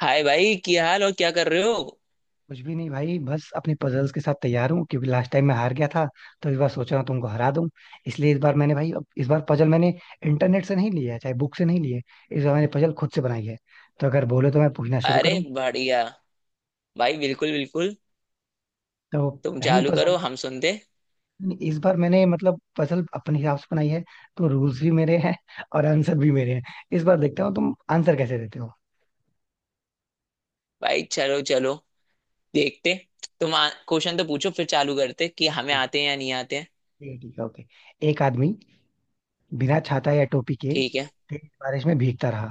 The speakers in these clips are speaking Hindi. हाय भाई, क्या हाल और क्या कर रहे हो। कुछ भी नहीं भाई, बस अपने पजल्स के साथ तैयार हूँ क्योंकि लास्ट टाइम मैं हार गया था। तो इस बार सोच रहा हूँ तुमको हरा दूं। इसलिए इस बार मैंने भाई अब इस बार पजल मैंने इंटरनेट से नहीं लिया है, चाहे बुक से नहीं लिए। इस बार मैंने पजल खुद से बनाई है। तो अगर बोले तो मैं पूछना शुरू अरे करूँ? बढ़िया। भाई बिल्कुल बिल्कुल, तो तुम पहली चालू पजल। करो हम सुनते। इस बार मैंने मतलब पजल अपने हिसाब से बनाई है, तो रूल्स भी मेरे हैं और आंसर भी मेरे हैं। इस बार देखता हूँ तुम आंसर कैसे देते हो। भाई चलो चलो, देखते। तुम क्वेश्चन तो पूछो फिर चालू करते कि हमें ठीक, आते हैं या नहीं आते हैं। ठीक है, ठीक है, ओके। एक आदमी बिना छाता या टोपी के ठीक है। तेज बारिश में भीगता रहा,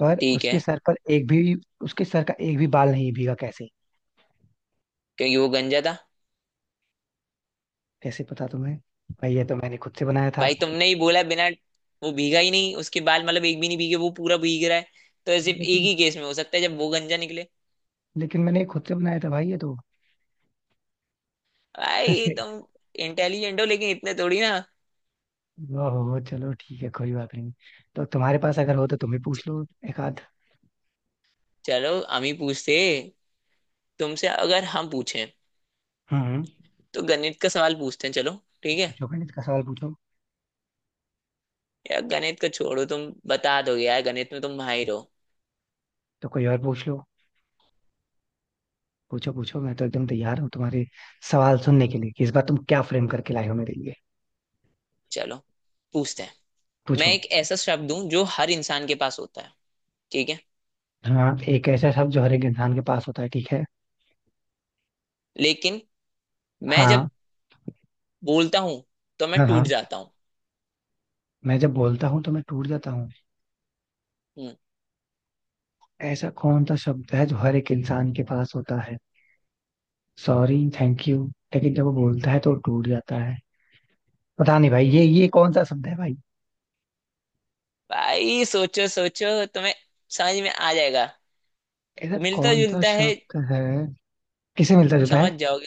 पर ठीक उसके है। सर पर एक भी, उसके सर का एक भी बाल नहीं भीगा, कैसे? क्योंकि वो गंजा था। कैसे पता तुम्हें? भाई ये तो मैंने खुद से बनाया था। भाई तुमने ही बोला बिना, वो भीगा ही नहीं। उसके बाल मतलब एक भी नहीं भीगे, वो पूरा भीग रहा है, तो सिर्फ एक लेकिन ही केस में हो सकता है जब वो गंजा निकले। लेकिन मैंने खुद से बनाया था भाई ये तो। भाई अरे। तुम इंटेलिजेंट हो लेकिन इतने थोड़ी ना। ओहो, चलो ठीक है, कोई बात नहीं। तो तुम्हारे पास अगर हो तो तुम ही च- पूछ लो। एक आध। चलो हम ही पूछते। तुमसे अगर हम पूछें हम्म। तो गणित का सवाल पूछते हैं, चलो। ठीक है। पूछो गणित का सवाल पूछो। यार गणित का छोड़ो, तुम बता दोगे यार, गणित में तुम माहिर हो। तो कोई और पूछ लो। पूछो पूछो, मैं तो एकदम तैयार हूँ तुम्हारे सवाल सुनने के लिए कि इस बार तुम क्या फ्रेम करके लाए हो मेरे लिए। चलो पूछते हैं। मैं पूछो। एक ऐसा शब्द हूं जो हर इंसान के पास होता है, ठीक है। हाँ, एक ऐसा शब्द जो हर एक इंसान के पास होता है, ठीक है। लेकिन मैं जब हाँ बोलता हूँ तो मैं हाँ। टूट हाँ, जाता हूँ। मैं जब बोलता हूँ तो मैं टूट जाता हूँ। हम्म, ऐसा कौन सा शब्द है जो हर एक इंसान के पास होता है? Sorry, thank you. लेकिन जब वो बोलता है तो वो टूट जाता है। पता नहीं भाई ये कौन सा शब्द है भाई? भाई सोचो सोचो, तुम्हें समझ में आ जाएगा। ऐसा मिलता कौन सा जुलता है। शब्द है? किसे मिलता जुलता समझ है? जाओगे।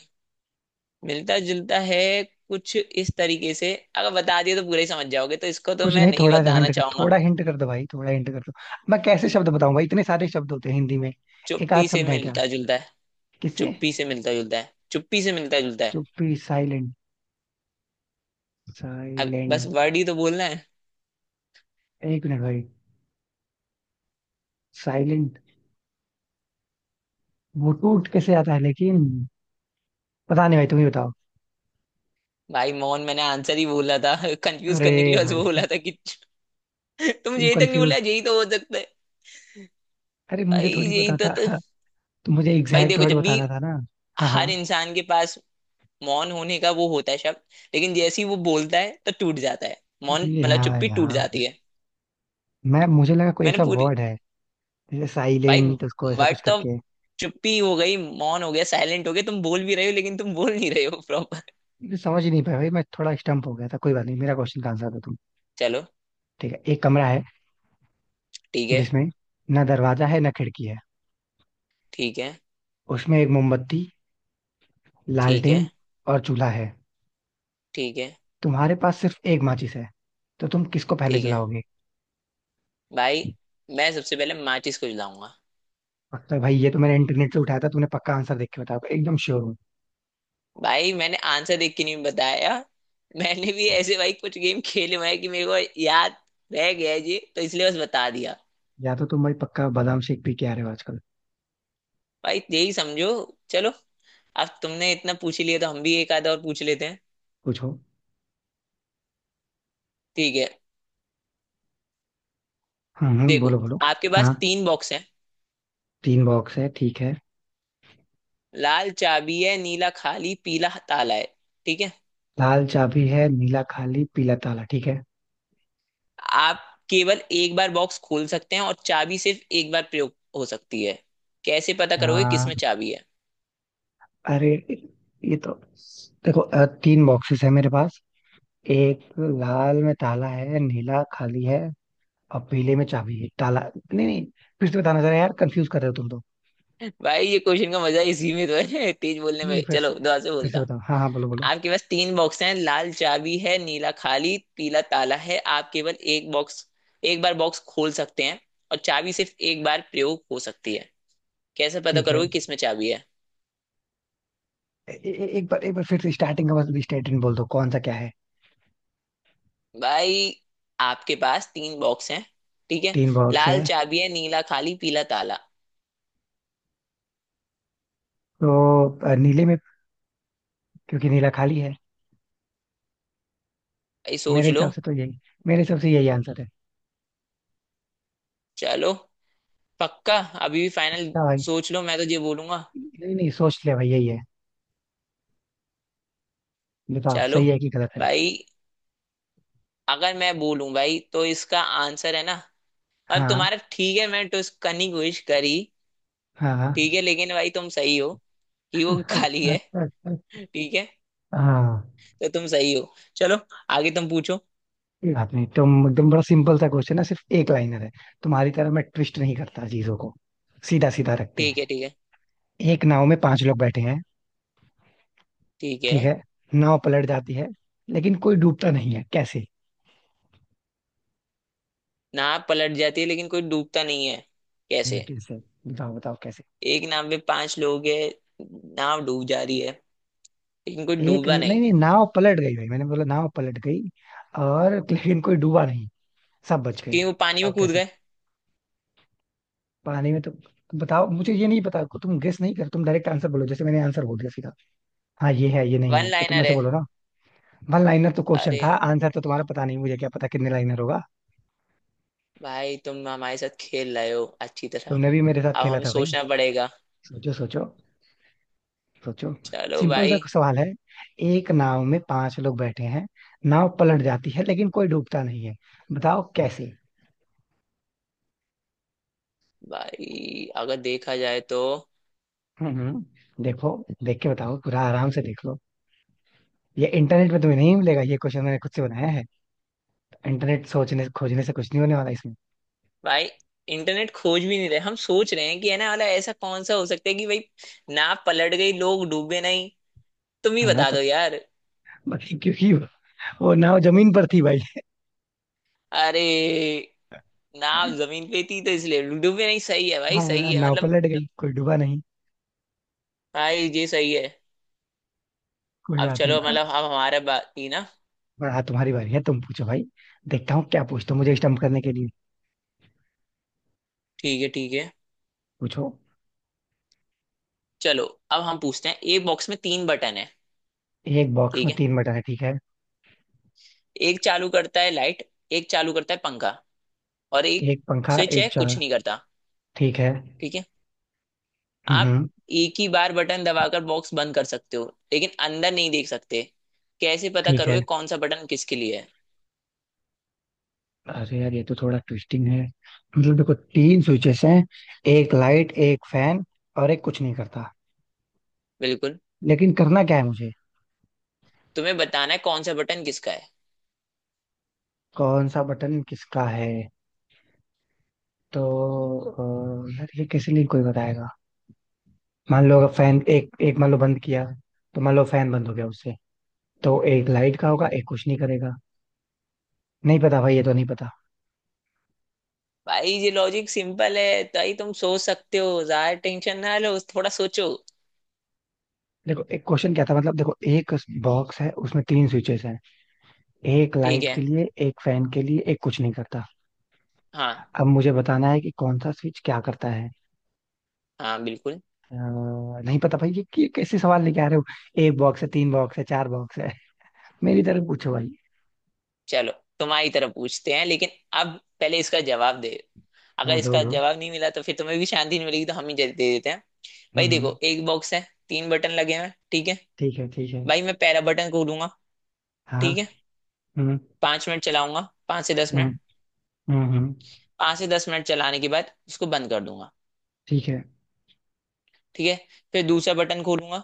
मिलता जुलता है। कुछ इस तरीके से अगर बता दिया तो पूरा ही समझ जाओगे, तो इसको तो कुछ मैं नहीं, नहीं थोड़ा सा बताना हिंट कर, चाहूंगा। थोड़ा हिंट कर दो भाई, थोड़ा हिंट कर दो। मैं कैसे शब्द बताऊं भाई, इतने सारे शब्द होते हैं हिंदी में। एक आध चुप्पी से शब्द है क्या? मिलता जुलता है। किससे? चुप्पी से मिलता जुलता है। चुप्पी से मिलता जुलता है। चुप्पी, साइलेंट। अब बस साइलेंट। वर्ड ही तो बोलना है। एक मिनट भाई। साइलेंट। वो टूट कैसे आता है लेकिन? पता नहीं भाई, तुम ही बताओ। भाई मोहन, मैंने आंसर ही बोला था कंफ्यूज करने के अरे लिए बस बोला भाई। था कि तुम तुम यही तक नहीं बोला कंफ्यूज। यही तो हो सकता है। अरे मुझे भाई थोड़ी यही पता तो, था। तो तो मुझे भाई एग्जैक्ट देखो, वर्ड जब भी बताना था ना। हाँ हर हाँ। इंसान के पास मौन होने का वो होता है शब्द, लेकिन जैसे ही वो बोलता है तो टूट जाता है। मौन ये मतलब हाँ चुप्पी टूट यहाँ। जाती है। मैं मुझे लगा कोई मैंने ऐसा पूरी। वर्ड है जैसे भाई साइलेंट उसको ऐसा वर्ड कुछ तो करके। चुप्पी हो गई, मौन हो गया, साइलेंट हो गया। तुम बोल भी रहे हो लेकिन तुम बोल नहीं रहे हो प्रॉपर। मुझे समझ ही नहीं पाया भाई, मैं थोड़ा स्टम्प हो गया था, कोई बात नहीं, मेरा क्वेश्चन का आंसर दो तुम। चलो। ठीक है, एक कमरा है ठीक है। जिसमें ना दरवाजा है ना खिड़की है। ठीक है। उसमें एक मोमबत्ती, ठीक है। लालटेन और चूल्हा है। ठीक है। तुम्हारे पास सिर्फ एक माचिस है, तो तुम किसको पहले ठीक है। जलाओगे? भाई मैं सबसे पहले माचिस को जलाऊंगा। पक्का भाई, ये तो मैंने इंटरनेट से उठाया था, तुमने पक्का आंसर देख के बताया होगा, एकदम श्योर हूँ। भाई मैंने आंसर देख के नहीं बताया। मैंने भी ऐसे भाई कुछ गेम खेले हुए हैं कि मेरे को याद रह गया है जी, तो इसलिए बस बता दिया। या तो तुम भाई पक्का बादाम शेक पी के आ रहे हो आजकल। भाई यही समझो। चलो, अब तुमने इतना पूछ ही लिया तो हम भी एक आधा और पूछ लेते हैं। पूछो। ठीक है, हाँ हाँ देखो। बोलो बोलो। आपके हाँ, पास तीन बॉक्स हैं। तीन बॉक्स है, ठीक है। लाल चाबी है, नीला खाली, पीला ताला है। ठीक है। लाल चाबी है, नीला खाली, पीला ताला, ठीक है। आप केवल एक बार बॉक्स खोल सकते हैं और चाबी सिर्फ एक बार प्रयोग हो सकती है। कैसे पता करोगे हाँ। किसमें चाबी है। अरे, ये तो। देखो तीन बॉक्सेस है मेरे पास। एक, लाल में ताला है, नीला खाली है, और पीले में चाबी है, ताला। नहीं नहीं, फिर से बताना जरा यार, कंफ्यूज कर रहे हो तुम तो। भाई ये क्वेश्चन का मजा इसी में तो है तेज बोलने नहीं नहीं, में, फिर चलो से। दोबारा से फिर से बोलता हूँ। बताओ, हाँ हाँ बोलो बोलो। आपके पास तीन बॉक्स हैं, लाल चाबी है नीला खाली पीला ताला है। आप केवल एक बॉक्स, एक बार बॉक्स खोल सकते हैं और चाबी सिर्फ एक बार प्रयोग हो सकती है। कैसे पता ठीक है। करोगे किसमें चाबी है। ए, ए, ए- एक बार, एक बार फिर से स्टार्टिंग का बस स्टेटमेंट बोल दो कौन सा क्या है। भाई आपके पास तीन बॉक्स हैं, ठीक है। तीन बॉक्स लाल है। चाबी है, नीला खाली, पीला ताला। तो नीले में, क्योंकि नीला खाली है। भाई मेरे सोच लो। हिसाब से तो यही, मेरे हिसाब से यही आंसर है। चलो, पक्का। अभी भी फाइनल, क्या भाई? सोच लो, मैं तो ये बोलूंगा। नहीं नहीं, सोच ले भाई, यही है। बताओ चलो सही है कि गलत है। भाई, अगर मैं बोलूं भाई तो इसका आंसर है ना। अब हाँ, तुम्हारा, ठीक है, मैं टुस करनी की कोशिश करी। हाँ, हाँ, ठीक है, लेकिन भाई तुम सही हो कि वो खाली है। ठीक है, हाँ, तो तुम सही हो। चलो आगे, तुम पूछो। कोई बात नहीं। तुम एकदम, बड़ा सिंपल सा क्वेश्चन है, सिर्फ एक लाइनर है। तुम्हारी तरह मैं ट्विस्ट नहीं करता चीजों को। सीधा सीधा रखते ठीक हैं। है। ठीक है। एक नाव में पांच लोग बैठे हैं, ठीक ठीक है। है। नाव पलट जाती है लेकिन कोई डूबता नहीं है, कैसे? नाव पलट जाती है लेकिन कोई डूबता नहीं है, कैसे। कैसे? बताओ बताओ कैसे। एक नाव में पांच लोग है, नाव डूब जा रही है लेकिन कोई एक, डूबा नहीं नहीं। नहीं, नाव पलट गई भाई, मैंने बोला नाव पलट गई और लेकिन कोई डूबा नहीं, सब बच गए, क्योंकि वो पानी बताओ में कूद कैसे। गए। पानी में तो। बताओ मुझे, ये नहीं पता तुम गेस नहीं कर, तुम डायरेक्ट आंसर बोलो जैसे मैंने आंसर बोल दिया सीधा। हाँ ये है, ये नहीं वन है, तो तुम लाइनर ऐसे है। बोलो ना। वन लाइनर तो क्वेश्चन अरे था, आंसर तो तुम्हारा पता नहीं, मुझे क्या पता कितने लाइनर होगा। भाई तुम हमारे साथ खेल रहे हो अच्छी तरह। तुमने भी मेरे साथ अब खेला हमें था भाई। सोचना पड़ेगा। सोचो सोचो। सोचो। चलो सिंपल सा भाई। सवाल है, एक नाव में पांच लोग बैठे हैं, नाव पलट जाती है लेकिन कोई डूबता नहीं है, बताओ कैसे। भाई अगर देखा जाए तो, हम्म हम्म, देखो। देख के बताओ, पूरा आराम से देख लो। ये इंटरनेट पे तुम्हें नहीं मिलेगा, ये क्वेश्चन मैंने खुद से बनाया है। इंटरनेट सोचने खोजने से कुछ नहीं होने वाला इसमें। भाई इंटरनेट खोज भी नहीं रहे, हम सोच रहे हैं कि है ना वाला, ऐसा कौन सा हो सकता है कि भाई नाव पलट गई लोग डूबे नहीं। तुम ही है ना, बता तो दो यार। बाकी क्योंकि वो नाव जमीन पर थी भाई। अरे, नाव जमीन पे थी तो इसलिए डूबे नहीं, सही है भाई, सही हाँ, है नाव मतलब। पलट गई, कोई डूबा नहीं। भाई ये सही है। कोई अब बात नहीं चलो अब। मतलब, अब हमारा बात थी ना। हाँ, तुम्हारी बारी है, तुम पूछो भाई। देखता हूँ क्या पूछते हो मुझे स्टम्प करने के लिए। ठीक है। ठीक है। पूछो। चलो, अब हम पूछते हैं। एक बॉक्स में तीन बटन है, एक बॉक्स ठीक में है। तीन बटन है, ठीक है। एक चालू करता है लाइट, एक चालू करता है पंखा, और एक एक पंखा, स्विच एक है चाल। कुछ नहीं करता। ठीक है। ठीक है। हम्म आप हम्म, एक ही बार बटन दबाकर बॉक्स बंद कर सकते हो, लेकिन अंदर नहीं देख सकते। कैसे पता ठीक है। करोगे कौन सा बटन किसके लिए है। अरे यार, ये तो थोड़ा ट्विस्टिंग है। मतलब देखो तीन स्विचेस हैं, एक लाइट, एक फैन, और एक कुछ नहीं करता। बिल्कुल। लेकिन करना क्या है मुझे? तुम्हें बताना है कौन सा बटन किसका है। कौन सा बटन किसका है? तो यार ये किसी लिए कोई बताएगा। मान लो अगर फैन एक एक मान लो बंद किया, तो मान लो फैन बंद हो गया उससे, तो एक लाइट का होगा, एक कुछ नहीं करेगा। नहीं पता भाई, ये तो नहीं पता। भाई ये लॉजिक सिंपल है, ताई तुम सोच सकते हो, ज्यादा टेंशन ना लो, थोड़ा सोचो। देखो एक क्वेश्चन क्या था, मतलब देखो एक बॉक्स है उसमें तीन स्विचेस हैं, एक ठीक लाइट है। के लिए, एक फैन के लिए, एक कुछ नहीं करता। हाँ अब मुझे बताना है कि कौन सा स्विच क्या करता है। हाँ बिल्कुल। नहीं पता भाई ये कैसे सवाल लेके आ रहे हो। एक बॉक्स है, तीन बॉक्स है, चार बॉक्स है। मेरी तरफ पूछो भाई। चलो तुम्हारी तरफ पूछते हैं, लेकिन अब पहले इसका जवाब दे। अगर हाँ दो इसका दो। जवाब नहीं मिला तो फिर तुम्हें भी शांति नहीं मिलेगी, तो हम ही दे दे देते हैं। भाई हम्म हम्म, देखो, एक बॉक्स है, तीन बटन लगे हैं, ठीक है। ठीक है ठीक है। भाई मैं पहला बटन खोलूंगा, हाँ। ठीक है। हम्म। पांच मिनट चलाऊंगा, पांच से दस हुँ, मिनट। हुँ, हुँ। पांच से दस मिनट चलाने के बाद इसको बंद कर दूंगा। ठीक है, ठीक है, फिर दूसरा बटन खोलूंगा,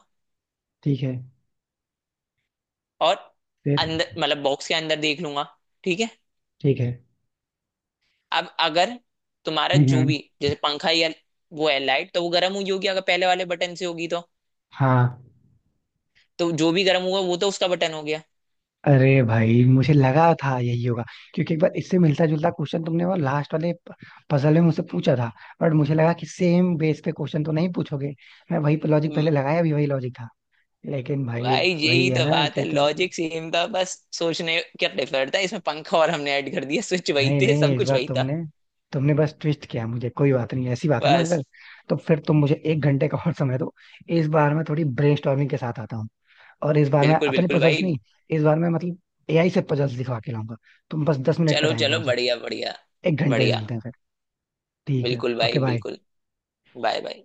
ठीक है, और फिर? अंदर मतलब बॉक्स के अंदर देख लूंगा। ठीक है। ठीक है। अब अगर तुम्हारा हुँ, जो हुँ। भी जैसे पंखा या वो है लाइट, तो वो गर्म हुई होगी अगर पहले वाले बटन से होगी तो हाँ, तो जो भी गर्म हुआ वो तो उसका बटन हो गया। अरे भाई मुझे लगा था यही होगा, क्योंकि एक बार इससे मिलता-जुलता क्वेश्चन तुमने वो लास्ट वाले पजल में मुझसे पूछा था। बट मुझे लगा कि सेम बेस पे क्वेश्चन तो नहीं पूछोगे। मैं वही लॉजिक म, पहले लगाया, भी वही लॉजिक था। लेकिन भाई, भाई वही यही है तो ना बात है। कि तुम, लॉजिक सेम था बस सोचने का डिफर था। इसमें पंखा और हमने ऐड कर दिया, स्विच वही नहीं थे, नहीं सब इस कुछ बार वही था तुमने तुमने बस ट्विस्ट किया, मुझे कोई बात नहीं ऐसी बात है ना, अगर बस। तो फिर तुम मुझे एक घंटे का और समय दो। इस बार मैं थोड़ी ब्रेनस्टॉर्मिंग के साथ आता हूँ। और इस बार मैं बिल्कुल अपने बिल्कुल पजल्स भाई। नहीं, इस बार मैं मतलब एआई से पजल्स दिखवा के लाऊंगा। तुम बस 10 मिनट का चलो टाइम दो चलो, मुझे। बढ़िया बढ़िया। एक घंटे में बढ़िया। मिलते हैं फिर। ठीक है, बिल्कुल ओके भाई बाय। बिल्कुल। Bye bye.